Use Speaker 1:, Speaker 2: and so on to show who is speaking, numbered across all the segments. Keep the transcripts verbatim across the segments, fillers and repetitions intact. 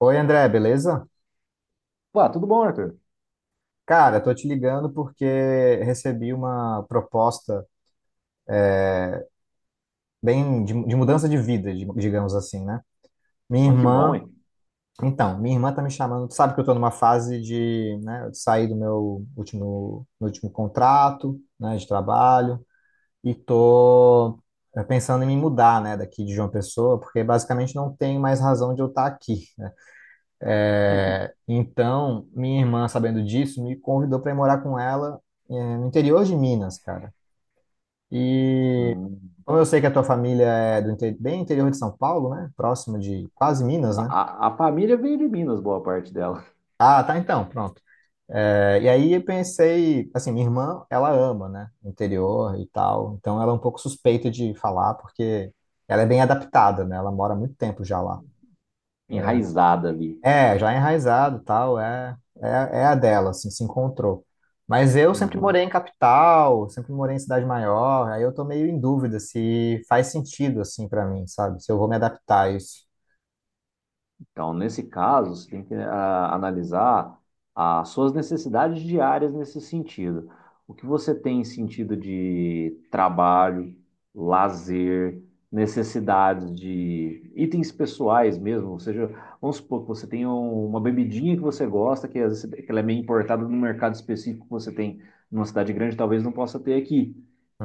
Speaker 1: Oi, André, beleza?
Speaker 2: Pô, tudo bom, Arthur?
Speaker 1: Cara, tô te ligando porque recebi uma proposta bem de, de mudança de vida, di- digamos assim, né? Minha
Speaker 2: Mas que bom,
Speaker 1: irmã,
Speaker 2: hein?
Speaker 1: então, minha irmã tá me chamando, tu sabe que eu tô numa fase de, né, de sair do meu último, meu último contrato, né, de trabalho e tô é, pensando em me mudar, né, daqui de João Pessoa, porque basicamente não tem mais razão de eu estar aqui, né? É, Então, minha irmã, sabendo disso, me convidou para ir morar com ela, eh, no interior de Minas, cara. E
Speaker 2: Hum.
Speaker 1: como eu sei que a tua família é do inte- bem interior de São Paulo, né? Próximo de quase Minas, né?
Speaker 2: A, a família veio de Minas, boa parte dela.
Speaker 1: Ah, tá então, pronto. É, e aí eu pensei, assim, minha irmã, ela ama, né? Interior e tal. Então ela é um pouco suspeita de falar, porque ela é bem adaptada, né? Ela mora há muito tempo já lá.
Speaker 2: Enraizada ali.
Speaker 1: É, já enraizado, tal, é, é, é a dela, assim, se encontrou. Mas eu sempre morei
Speaker 2: Uhum.
Speaker 1: em capital, sempre morei em cidade maior, aí eu tô meio em dúvida se faz sentido, assim, pra mim, sabe? Se eu vou me adaptar a isso.
Speaker 2: Então, nesse caso, você tem que ah, analisar as suas necessidades diárias nesse sentido. O que você tem em sentido de trabalho, lazer, necessidades de itens pessoais mesmo. Ou seja, vamos supor que você tem um- uma bebidinha que você gosta, que, às vezes, que ela é meio importada no mercado específico que você tem numa cidade grande, talvez não possa ter aqui.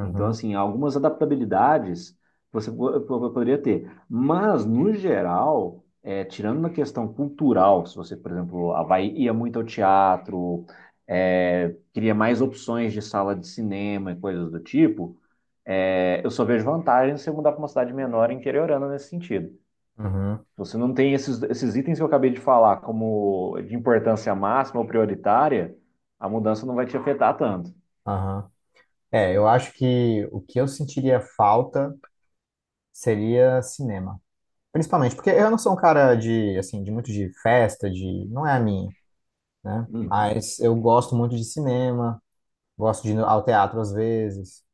Speaker 2: Então, assim, algumas adaptabilidades você po- po- poderia ter. Mas, no geral é, tirando na questão cultural, se você, por exemplo, Havaí ia muito ao teatro, é, queria mais opções de sala de cinema e coisas do tipo, é, eu só vejo vantagem se eu mudar para uma cidade menor e interiorana nesse sentido.
Speaker 1: uhum,
Speaker 2: Você não tem esses, esses itens que eu acabei de falar como de importância máxima ou prioritária, a mudança não vai te afetar tanto.
Speaker 1: aham. É, eu acho que o que eu sentiria falta seria cinema. Principalmente porque eu não sou um cara de, assim, de muito de festa, de... Não é a minha, né?
Speaker 2: Uhum.
Speaker 1: Mas eu gosto muito de cinema, gosto de ir ao teatro às vezes.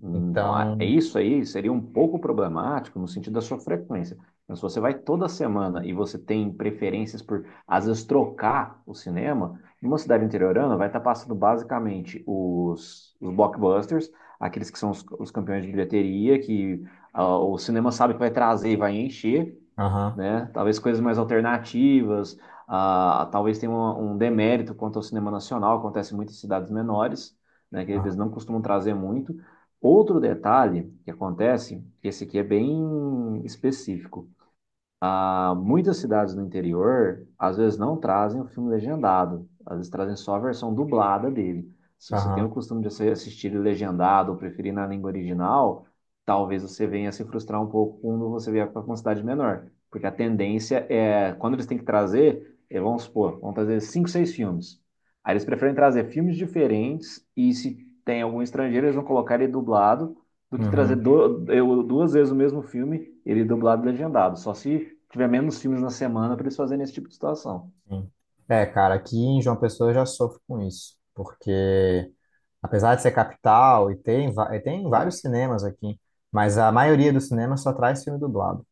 Speaker 2: Hum. Então, a- é
Speaker 1: Então,
Speaker 2: isso aí seria um pouco problemático no sentido da sua frequência. Mas se você vai toda semana e você tem preferências por, às vezes, trocar o cinema, numa cidade interiorana vai estar passando basicamente os, os blockbusters, aqueles que são os, os campeões de bilheteria, que ah, o cinema sabe que vai trazer e vai encher,
Speaker 1: aham,
Speaker 2: né? Talvez coisas mais alternativas, ah, talvez tenha um, um demérito quanto ao cinema nacional, acontece muito em cidades menores, né? Que
Speaker 1: aham,
Speaker 2: eles não costumam trazer muito. Outro detalhe que acontece, esse aqui é bem específico, ah, muitas cidades no interior, às vezes, não trazem o filme legendado, às vezes trazem só a versão dublada dele. Se você tem o
Speaker 1: aham,
Speaker 2: costume de assistir ele legendado ou preferir na língua original, talvez você venha se frustrar um pouco quando você vier para uma cidade menor. Porque a tendência é, quando eles têm que trazer, eh, vamos supor, vão trazer cinco, seis filmes. Aí eles preferem trazer filmes diferentes e se tem algum estrangeiro, eles vão colocar ele dublado do que trazer
Speaker 1: uhum,
Speaker 2: do- eu- duas vezes o mesmo filme, ele dublado e legendado. Só se tiver menos filmes na semana para eles fazerem esse tipo de situação.
Speaker 1: sim. É, cara, aqui em João Pessoa eu já sofro com isso, porque apesar de ser capital, e tem, va- e tem
Speaker 2: Tá?
Speaker 1: vários cinemas aqui, mas a maioria dos cinemas só traz filme dublado.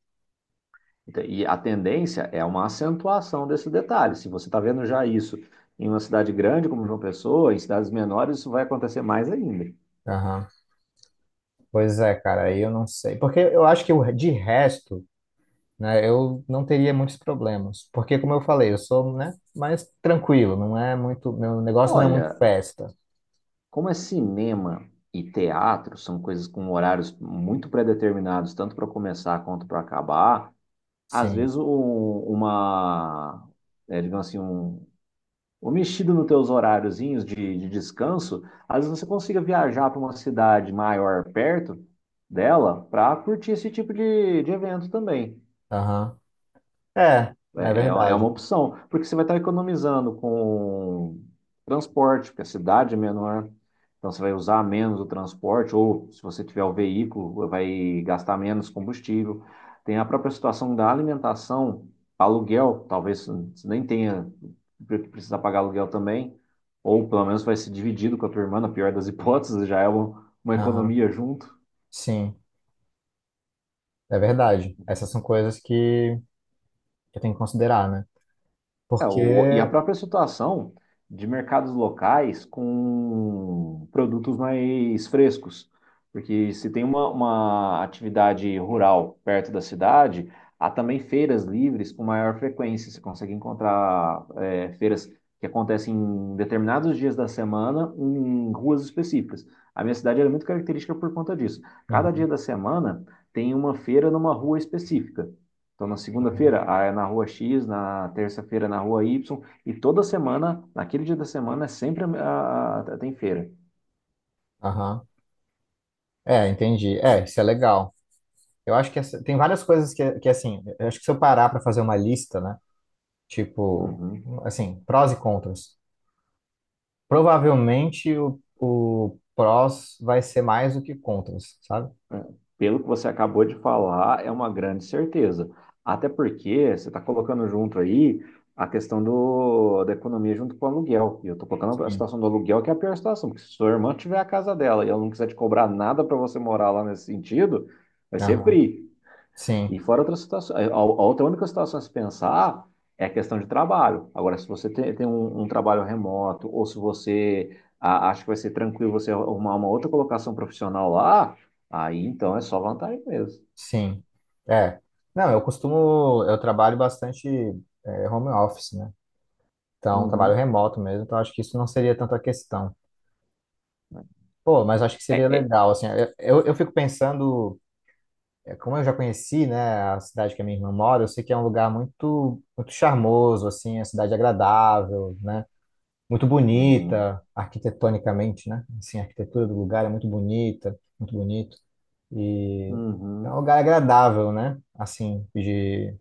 Speaker 2: Então, e a tendência é uma acentuação desse detalhe. Se você está vendo já isso em uma cidade grande como João Pessoa, em cidades menores, isso vai acontecer mais ainda.
Speaker 1: Aham. Pois é, cara, aí eu não sei. Porque eu acho que o- de resto, né, eu não teria muitos problemas. Porque, como eu falei, eu sou, né, mais tranquilo, não é muito, meu negócio não é muito
Speaker 2: Olha,
Speaker 1: festa.
Speaker 2: como é cinema e teatro, são coisas com horários muito predeterminados, tanto para começar quanto para acabar. Às vezes,
Speaker 1: Sim,
Speaker 2: um- uma, é, digamos assim, um, ou mexido nos teus horáriozinhos de, de descanso, às vezes você consiga viajar para uma cidade maior perto dela para curtir esse tipo de, de evento também.
Speaker 1: aham. É, é
Speaker 2: É, é é uma
Speaker 1: verdade.
Speaker 2: opção, porque você vai estar economizando com transporte, porque a cidade é menor, então você vai usar menos o transporte, ou se você tiver o veículo, vai gastar menos combustível. Tem a própria situação da alimentação, aluguel, talvez você nem tenha precisar pagar aluguel também, ou pelo menos vai ser dividido com a tua irmã, na pior das hipóteses, já é uma, uma
Speaker 1: Aham,
Speaker 2: economia junto.
Speaker 1: sim. É verdade. Essas são coisas que que eu tenho que considerar, né?
Speaker 2: É, o- e a
Speaker 1: Porque.
Speaker 2: própria situação de mercados locais com produtos mais frescos. Porque se tem uma, uma atividade rural perto da cidade, há também feiras livres com maior frequência. Você consegue encontrar é, feiras que acontecem em determinados dias da semana em ruas específicas. A minha cidade ela é muito característica por conta disso. Cada dia
Speaker 1: Uhum.
Speaker 2: da semana tem uma feira numa rua específica. Então, na segunda-feira, ah, é na rua X, na terça-feira, é na rua Y, e toda semana, naquele dia da semana, é sempre a, a- tem feira.
Speaker 1: Aham. É, entendi. É, isso é legal. Eu acho que essa- tem várias coisas que, que, assim, eu acho que se eu parar para fazer uma lista, né? Tipo,
Speaker 2: Uhum.
Speaker 1: assim, prós e contras. Provavelmente o, o prós vai ser mais do que contras, sabe?
Speaker 2: É. Pelo que você acabou de falar, é uma grande certeza. Até porque você está colocando junto aí a questão do, da economia junto com o aluguel. E eu estou colocando a
Speaker 1: Sim.
Speaker 2: situação do aluguel, que é a pior situação, porque se sua irmã tiver a casa dela e ela não quiser te cobrar nada para você morar lá nesse sentido, vai ser
Speaker 1: Aham.
Speaker 2: free.
Speaker 1: Sim,
Speaker 2: E fora outras situações, a outra única situação a se pensar é a questão de trabalho. Agora, se você tem, tem um, um trabalho remoto, ou se você a- acha que vai ser tranquilo você arrumar uma outra colocação profissional lá, aí então é só vantagem mesmo.
Speaker 1: sim. É. Não, eu costumo. Eu trabalho bastante é, home office, né? Então, trabalho
Speaker 2: Uhum.
Speaker 1: remoto mesmo, então acho que isso não seria tanta questão. Pô, mas acho que
Speaker 2: É,
Speaker 1: seria
Speaker 2: é.
Speaker 1: legal, assim, eu, eu fico pensando, é, como eu já conheci, né, a cidade que a minha irmã mora, eu sei que é um lugar muito, muito charmoso, assim, a cidade agradável, né, muito
Speaker 2: Uhum.
Speaker 1: bonita, arquitetonicamente, né, assim, a arquitetura do lugar é muito bonita, muito bonito, e é um
Speaker 2: Uhum.
Speaker 1: lugar agradável, né, assim, de,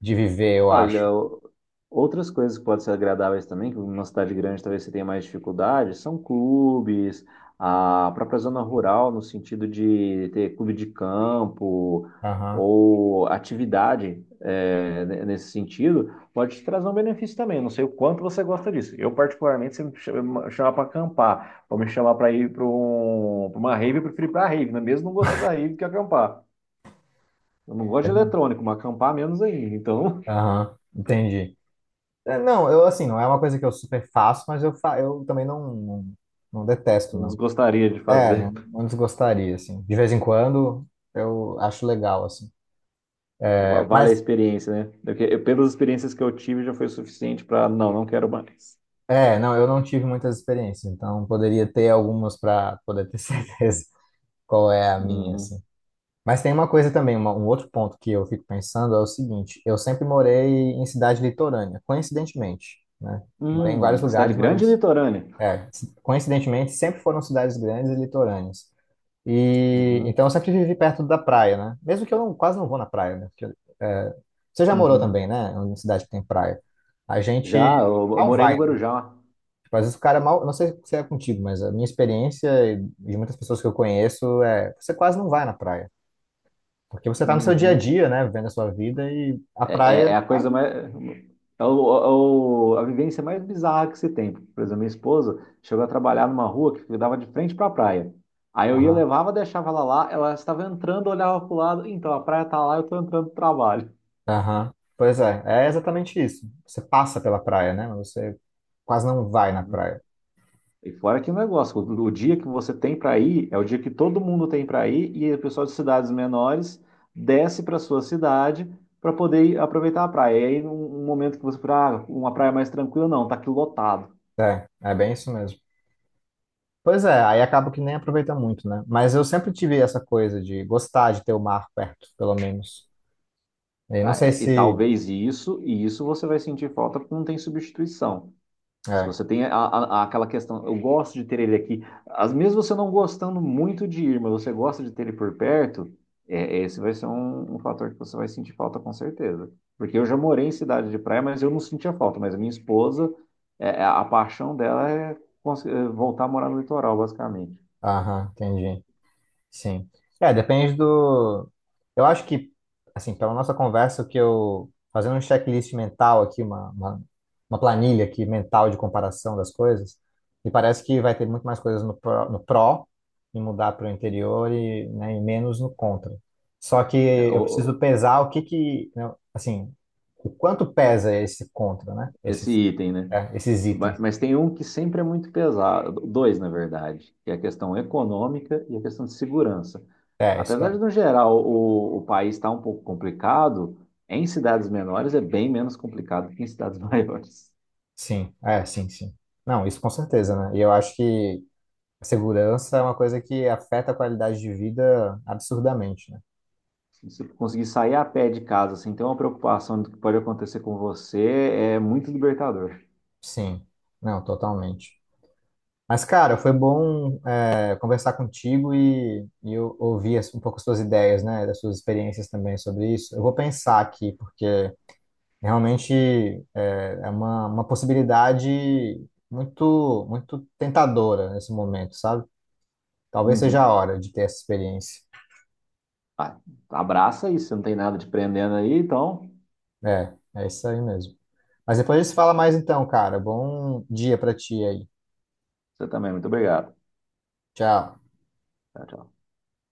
Speaker 1: de viver, eu acho.
Speaker 2: Olha, o- outras coisas que podem ser agradáveis também, que numa cidade grande talvez você tenha mais dificuldade, são clubes, a própria zona rural, no sentido de ter clube de campo
Speaker 1: Aham.
Speaker 2: ou atividade é, ne- nesse sentido, pode te trazer um benefício também. Não sei o quanto você gosta disso. Eu, particularmente, se me chama- chamar para acampar, ou me chamar para ir para uma rave, eu prefiro ir para a rave, né? Mesmo não gostando da rave que acampar. Eu não gosto
Speaker 1: É,
Speaker 2: de eletrônico, mas acampar menos ainda. Então
Speaker 1: aham, entendi. É, não, eu assim, não é uma coisa que eu super faço, mas eu, fa eu também não, não, não detesto,
Speaker 2: não
Speaker 1: não.
Speaker 2: gostaria de
Speaker 1: É,
Speaker 2: fazer.
Speaker 1: antes gostaria, assim. De vez em quando eu acho legal, assim. É,
Speaker 2: Vale a
Speaker 1: mas,
Speaker 2: experiência, né? Porque eu- pelas experiências que eu tive, já foi suficiente para não, não quero mais.
Speaker 1: é, não, eu não tive muitas experiências, então poderia ter algumas para poder ter certeza qual é a minha,
Speaker 2: Uhum.
Speaker 1: assim. Mas tem uma coisa também, uma- um outro ponto que eu fico pensando é o seguinte: eu sempre morei em cidade litorânea, coincidentemente, né? Morei em vários
Speaker 2: Hum, cidade
Speaker 1: lugares,
Speaker 2: grande e
Speaker 1: mas,
Speaker 2: litorânea.
Speaker 1: é, coincidentemente, sempre foram cidades grandes e litorâneas. E então
Speaker 2: Uhum.
Speaker 1: eu sempre vivi perto da praia, né? Mesmo que eu não, quase não vou na praia, né? Porque, é, você já morou
Speaker 2: Uhum.
Speaker 1: também, né? Em cidade que tem praia. A
Speaker 2: Já,
Speaker 1: gente
Speaker 2: eu, eu
Speaker 1: mal
Speaker 2: morei no
Speaker 1: vai, né?
Speaker 2: Guarujá.
Speaker 1: Tipo, às vezes o cara mal. Não sei se é contigo, mas a minha experiência e de muitas pessoas que eu conheço é você quase não vai na praia. Porque você tá no seu dia a
Speaker 2: Uhum.
Speaker 1: dia, né? Vivendo a sua vida e a
Speaker 2: É,
Speaker 1: praia
Speaker 2: é- é a
Speaker 1: tá
Speaker 2: coisa
Speaker 1: ali.
Speaker 2: mais. É o, é o- a vivência mais bizarra que se tem. Por exemplo, minha esposa chegou a trabalhar numa rua que dava de frente para a praia. Aí eu ia,
Speaker 1: Aham.
Speaker 2: levava, deixava ela lá, ela estava entrando, olhava para o lado, então a praia tá lá, eu estou entrando no trabalho.
Speaker 1: Aham. Pois é, é exatamente isso. Você passa pela praia, né? Mas você quase não vai na
Speaker 2: Uhum.
Speaker 1: praia.
Speaker 2: E fora que negócio, o o dia que você tem para ir é o dia que todo mundo tem para ir e o pessoal de cidades menores desce para sua cidade para poder ir aproveitar a praia. E aí, num um momento que você fala, ah, uma praia mais tranquila, não, tá aqui lotado.
Speaker 1: É, é bem isso mesmo. Pois é, aí acaba que nem aproveita muito, né? Mas eu sempre tive essa coisa de gostar de ter o mar perto, pelo menos. E não
Speaker 2: Ah,
Speaker 1: sei
Speaker 2: é- e
Speaker 1: se.
Speaker 2: talvez isso, e isso você vai sentir falta porque não tem substituição. Se
Speaker 1: É,
Speaker 2: você tem a- a- aquela questão, eu gosto de ter ele aqui. Às vezes você não gostando muito de ir, mas você gosta de ter ele por perto, é, esse vai ser um, um fator que você vai sentir falta com certeza. Porque eu já morei em cidade de praia, mas eu não sentia falta. Mas a minha esposa, é, é, a paixão dela é cons- é voltar a morar no litoral, basicamente.
Speaker 1: aham, entendi. Sim. É, depende do. Eu acho que, assim, pela nossa conversa, o que eu. Fazendo um checklist mental aqui, uma, uma, uma planilha aqui mental de comparação das coisas, me parece que vai ter muito mais coisas no pró, no pró e mudar para o interior e, né, e menos no contra. Só que
Speaker 2: É,
Speaker 1: eu preciso
Speaker 2: o-
Speaker 1: pesar o que que, né, assim, o quanto pesa esse contra, né?
Speaker 2: esse
Speaker 1: Esses,
Speaker 2: item, né?
Speaker 1: é, esses
Speaker 2: Ba-
Speaker 1: itens.
Speaker 2: Mas tem um que sempre é muito pesado, dois, na verdade, que é a questão econômica e a questão de segurança.
Speaker 1: É, isso é.
Speaker 2: Apesar de, no geral, o, o país estar um pouco complicado, em cidades menores é bem menos complicado que em cidades maiores.
Speaker 1: Sim, é, sim, sim. Não, isso com certeza, né? E eu acho que. A segurança é uma coisa que afeta a qualidade de vida absurdamente, né?
Speaker 2: Se você conseguir sair a pé de casa sem ter uma preocupação do que pode acontecer com você, é muito libertador.
Speaker 1: Sim, não, totalmente. Mas, cara, foi bom, é, conversar contigo e, e eu ouvir as- um pouco as suas ideias, né, das suas experiências também sobre isso. Eu vou pensar aqui, porque realmente é, é uma, uma possibilidade muito, muito tentadora nesse momento, sabe? Talvez seja
Speaker 2: Uhum.
Speaker 1: a hora de ter essa experiência.
Speaker 2: Ah, abraça isso, você não tem nada te prendendo aí, então
Speaker 1: É, é isso aí mesmo. Mas depois a gente se fala mais então, cara. Bom dia pra ti aí.
Speaker 2: você também, é muito obrigado.
Speaker 1: Tchau.
Speaker 2: Tchau, tchau.